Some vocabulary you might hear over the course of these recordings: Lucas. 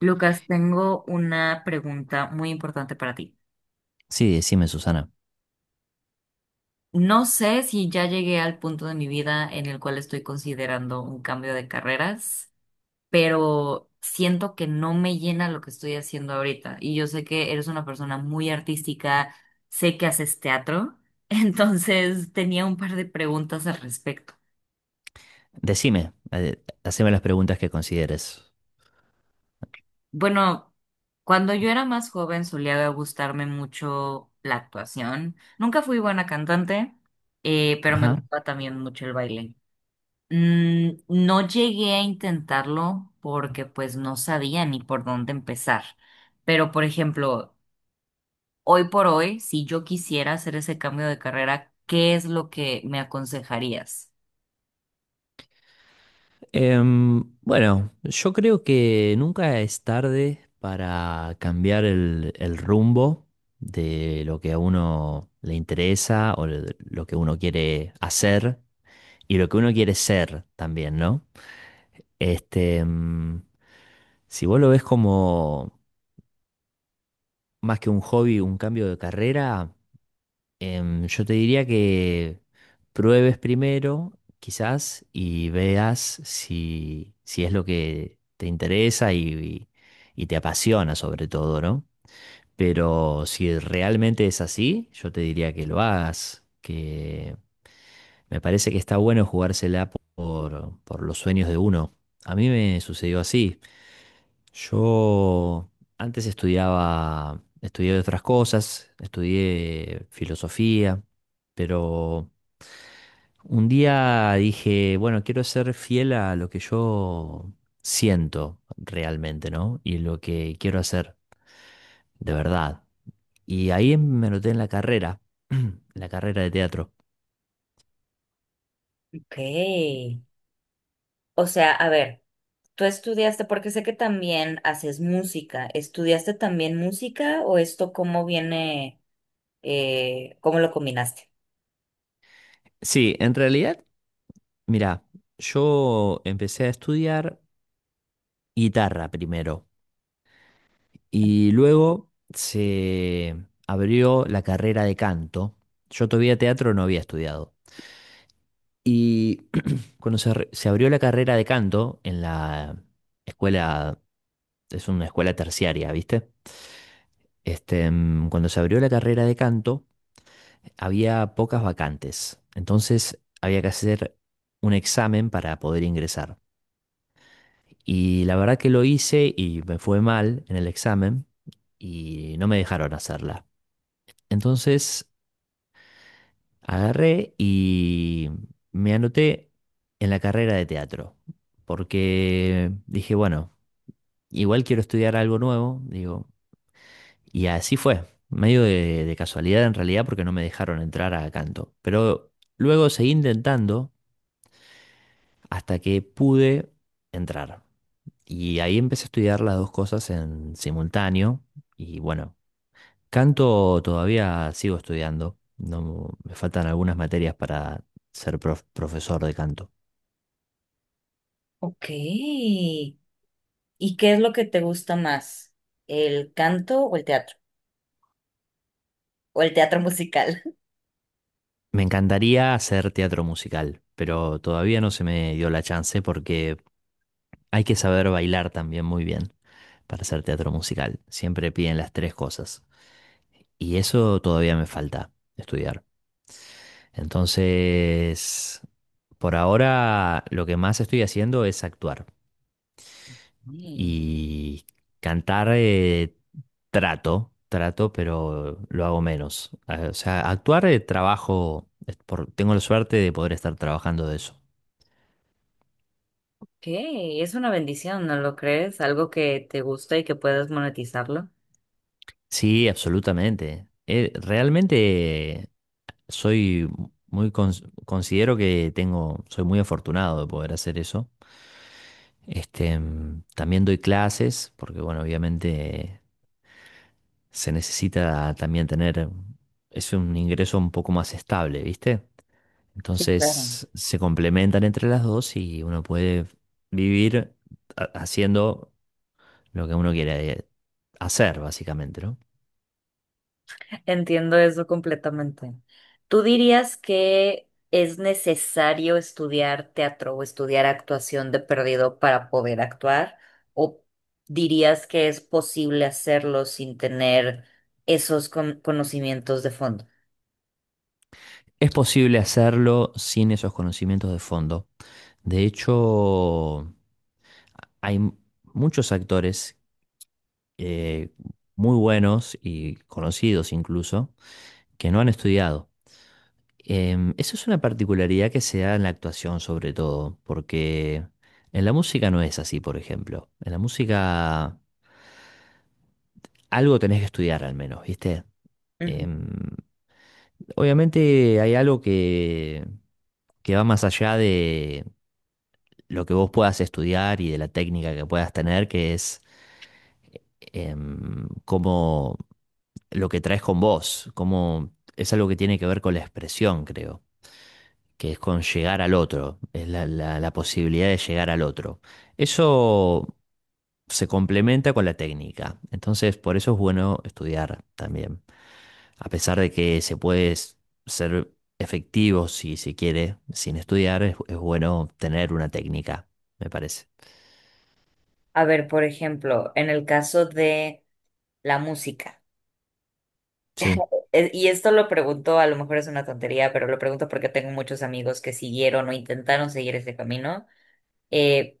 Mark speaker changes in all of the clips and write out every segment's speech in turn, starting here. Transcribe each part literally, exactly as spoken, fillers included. Speaker 1: Lucas, tengo una pregunta muy importante para ti.
Speaker 2: Sí, decime, Susana.
Speaker 1: No sé si ya llegué al punto de mi vida en el cual estoy considerando un cambio de carreras, pero siento que no me llena lo que estoy haciendo ahorita. Y yo sé que eres una persona muy artística, sé que haces teatro, entonces tenía un par de preguntas al respecto.
Speaker 2: Decime, eh, haceme las preguntas que consideres.
Speaker 1: Bueno, cuando yo era más joven solía gustarme mucho la actuación. Nunca fui buena cantante, eh, pero me
Speaker 2: Ajá.
Speaker 1: gustaba también mucho el baile. Mm, no llegué a intentarlo porque pues no sabía ni por dónde empezar. Pero por ejemplo, hoy por hoy, si yo quisiera hacer ese cambio de carrera, ¿qué es lo que me aconsejarías?
Speaker 2: Em, bueno, yo creo que nunca es tarde para cambiar el, el rumbo de lo que a uno le interesa o de lo que uno quiere hacer y lo que uno quiere ser también, ¿no? Este, em, si vos lo ves como más que un hobby, un cambio de carrera, Em, yo te diría que pruebes primero, quizás, y veas si, si es lo que te interesa y, y- y te apasiona sobre todo, ¿no? Pero si realmente es así, yo te diría que lo hagas, que me parece que está bueno jugársela por, por los sueños de uno. A mí me sucedió así. Yo antes estudiaba, estudié otras cosas, estudié filosofía, pero un día dije, bueno, quiero ser fiel a lo que yo siento realmente, ¿no? Y lo que quiero hacer de verdad. Y ahí me noté en la carrera, en la carrera de teatro.
Speaker 1: Ok. O sea, a ver. Tú estudiaste, porque sé que también haces música. ¿Estudiaste también música o esto cómo viene, eh, cómo lo combinaste?
Speaker 2: Sí, en realidad, mira, yo empecé a estudiar guitarra primero y luego se abrió la carrera de canto. Yo todavía teatro no había estudiado. Y cuando se, re- se abrió la carrera de canto en la escuela, es una escuela terciaria, ¿viste? Este, mm, cuando se abrió la carrera de canto, había pocas vacantes. Entonces había que hacer un examen para poder ingresar. Y la verdad que lo hice y me fue mal en el examen y no me dejaron hacerla. Entonces agarré y me anoté en la carrera de teatro. Porque dije, bueno, igual quiero estudiar algo nuevo. Digo, y así fue, medio de, de casualidad en realidad porque no me dejaron entrar a canto. Pero luego seguí intentando hasta que pude entrar. Y ahí empecé a estudiar las dos cosas en simultáneo. Y bueno, canto todavía sigo estudiando. No, me faltan algunas materias para ser prof- profesor de canto.
Speaker 1: Ok. ¿Y qué es lo que te gusta más? ¿El canto o el teatro? ¿O el teatro musical?
Speaker 2: Me encantaría hacer teatro musical, pero todavía no se me dio la chance porque hay que saber bailar también muy bien para hacer teatro musical. Siempre piden las tres cosas. Y eso todavía me falta estudiar. Entonces, por ahora lo que más estoy haciendo es actuar.
Speaker 1: Mm,
Speaker 2: Y cantar, eh, trato, trato, pero lo hago menos. Eh, O sea, actuar, eh, trabajo, es por- tengo la suerte de poder estar trabajando de eso.
Speaker 1: ok, es una bendición, ¿no lo crees? Algo que te gusta y que puedes monetizarlo.
Speaker 2: Sí, absolutamente. Eh, realmente soy muy cons- considero que tengo, soy muy afortunado de poder hacer eso. Este, mm, también doy clases, porque bueno, obviamente se necesita también tener, es un ingreso un poco más estable, ¿viste?
Speaker 1: Sí, claro.
Speaker 2: Entonces se complementan entre las dos y uno puede vivir ha- haciendo lo que uno quiera eh, hacer, básicamente, ¿no?
Speaker 1: Entiendo eso completamente. ¿Tú dirías que es necesario estudiar teatro o estudiar actuación de perdido para poder actuar? ¿O dirías que es posible hacerlo sin tener esos con- conocimientos de fondo?
Speaker 2: Es posible hacerlo sin esos conocimientos de fondo. De hecho, hay m- muchos actores, eh, muy buenos y conocidos incluso, que no han estudiado. Em, eso es una particularidad que se da en la actuación sobre todo, porque en la música no es así, por ejemplo. En la música algo tenés que estudiar al menos, ¿viste?
Speaker 1: Ujú.
Speaker 2: Em, Obviamente hay algo que, que va más allá de lo que vos puedas estudiar y de la técnica que puedas tener, que es em, cómo lo que traes con vos, cómo es algo que tiene que ver con la expresión, creo que es con llegar al otro, es la, la- la posibilidad de llegar al otro. Eso se complementa con la técnica, entonces por eso es bueno estudiar también, a pesar de que se puede s- ser efectivo si se quiere sin estudiar, es, es bueno tener una técnica, me parece.
Speaker 1: A ver, por ejemplo, en el caso de la música,
Speaker 2: Sí,
Speaker 1: e- y esto lo pregunto, a lo mejor es una tontería, pero lo pregunto porque tengo muchos amigos que siguieron o intentaron seguir ese camino. Eh,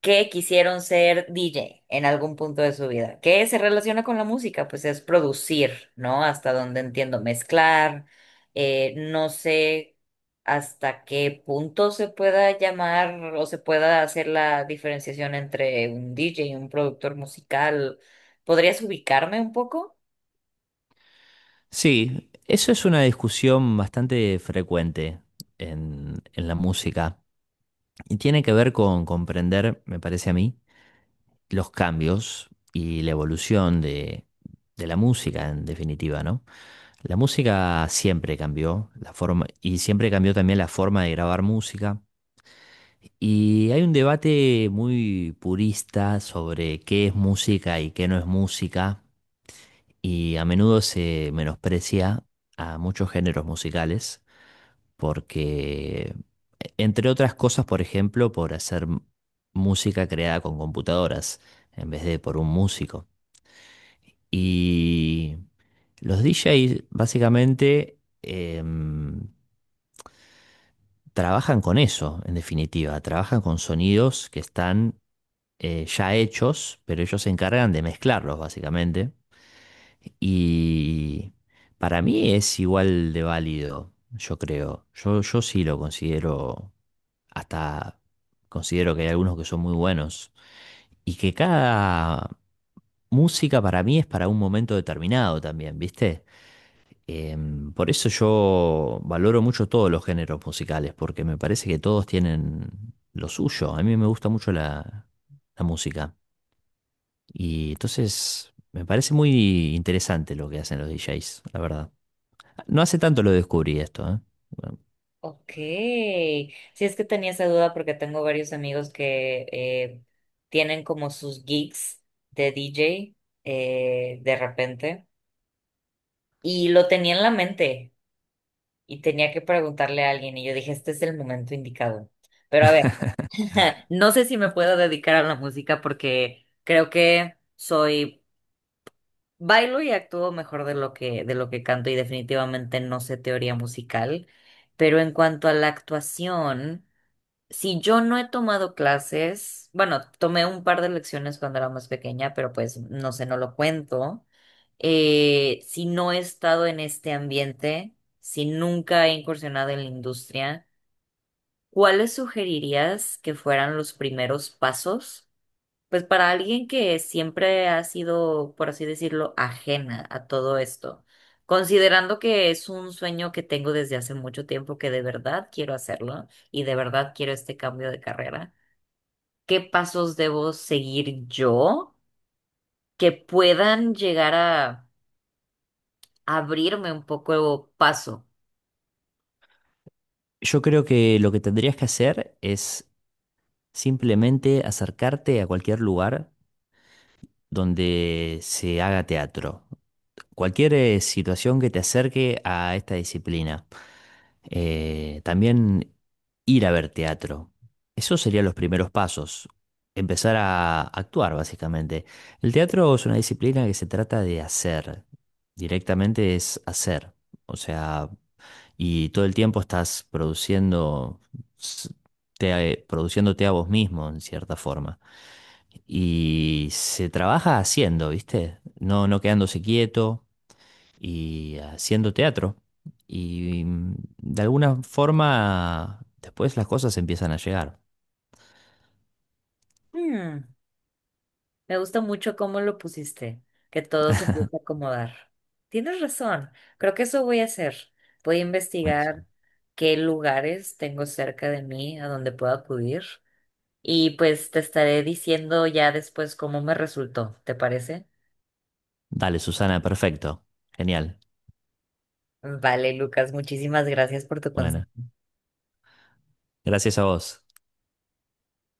Speaker 1: que quisieron ser D J en algún punto de su vida, que se relaciona con la música, pues es producir, ¿no? Hasta donde entiendo, mezclar, eh, no sé hasta qué punto se pueda llamar o se pueda hacer la diferenciación entre un D J y un productor musical. ¿Podrías ubicarme un poco?
Speaker 2: sí, eso es una discusión bastante frecuente en, en la música y tiene que ver con comprender, me parece a mí, los cambios y la evolución de, de la música, en definitiva, ¿no? La música siempre cambió, la forma, y siempre cambió también la forma de grabar música. Y hay un debate muy purista sobre qué es música y qué no es música, y a menudo se menosprecia a muchos géneros musicales, porque, entre otras cosas, por ejemplo, por hacer música creada con computadoras en vez de por un músico. Y los D Js básicamente em, trabajan con eso, en definitiva, trabajan con sonidos que están, eh, ya hechos, pero ellos se encargan de mezclarlos, básicamente. Y para mí es igual de válido, yo creo. Yo, yo sí lo considero, hasta considero que hay algunos que son muy buenos. Y que cada música para mí es para un momento determinado también, ¿viste? Em, por eso yo valoro mucho todos los géneros musicales, porque me parece que todos tienen lo suyo. A mí me gusta mucho la, la música. Y entonces me parece muy interesante lo que hacen los D Js, la verdad. No hace tanto lo descubrí esto, ¿eh? Bueno,
Speaker 1: Ok, si es que tenía esa duda porque tengo varios amigos que eh, tienen como sus gigs de D J eh, de repente y lo tenía en la mente y tenía que preguntarle a alguien y yo dije, este es el momento indicado. Pero a ver, no sé si me puedo dedicar a la música porque creo que soy, bailo y actúo mejor de lo que, de lo que canto y definitivamente no sé teoría musical, pero en cuanto a la actuación. Si yo no he tomado clases, bueno, tomé un par de lecciones cuando era más pequeña, pero pues no sé, no lo cuento. Eh, si no he estado en este ambiente, si nunca he incursionado en la industria, ¿cuáles sugerirías que fueran los primeros pasos? Pues para alguien que siempre ha sido, por así decirlo, ajena a todo esto, considerando que es un sueño que tengo desde hace mucho tiempo que de verdad quiero hacerlo y de verdad quiero este cambio de carrera, qué pasos debo seguir yo que puedan llegar a abrirme un poco paso.
Speaker 2: yo creo que lo que tendrías que hacer es simplemente acercarte a cualquier lugar donde se haga teatro. Cualquier eh, situación que te acerque a esta disciplina. Eh, también ir a ver teatro. Esos serían los primeros pasos. Empezar a actuar, básicamente. El teatro es una disciplina que se trata de hacer. Directamente es hacer. O sea, y todo el tiempo estás produciendo. s- te- eh, Produciéndote a vos mismo, en cierta forma. Y se trabaja haciendo, ¿viste? No, no quedándose quieto y haciendo teatro. Y mm, de alguna forma, después las cosas empiezan a llegar.
Speaker 1: Mm, me gusta mucho cómo lo pusiste, que todo se empieza a acomodar. Tienes razón, creo que eso voy a hacer. Voy a investigar
Speaker 2: Buenísimo.
Speaker 1: qué lugares tengo cerca de mí a donde puedo acudir y pues te estaré diciendo ya después cómo me resultó, ¿te parece?
Speaker 2: Dale, Susana, perfecto. Genial.
Speaker 1: Vale, Lucas, muchísimas gracias por tu consejo.
Speaker 2: Bueno, gracias a vos.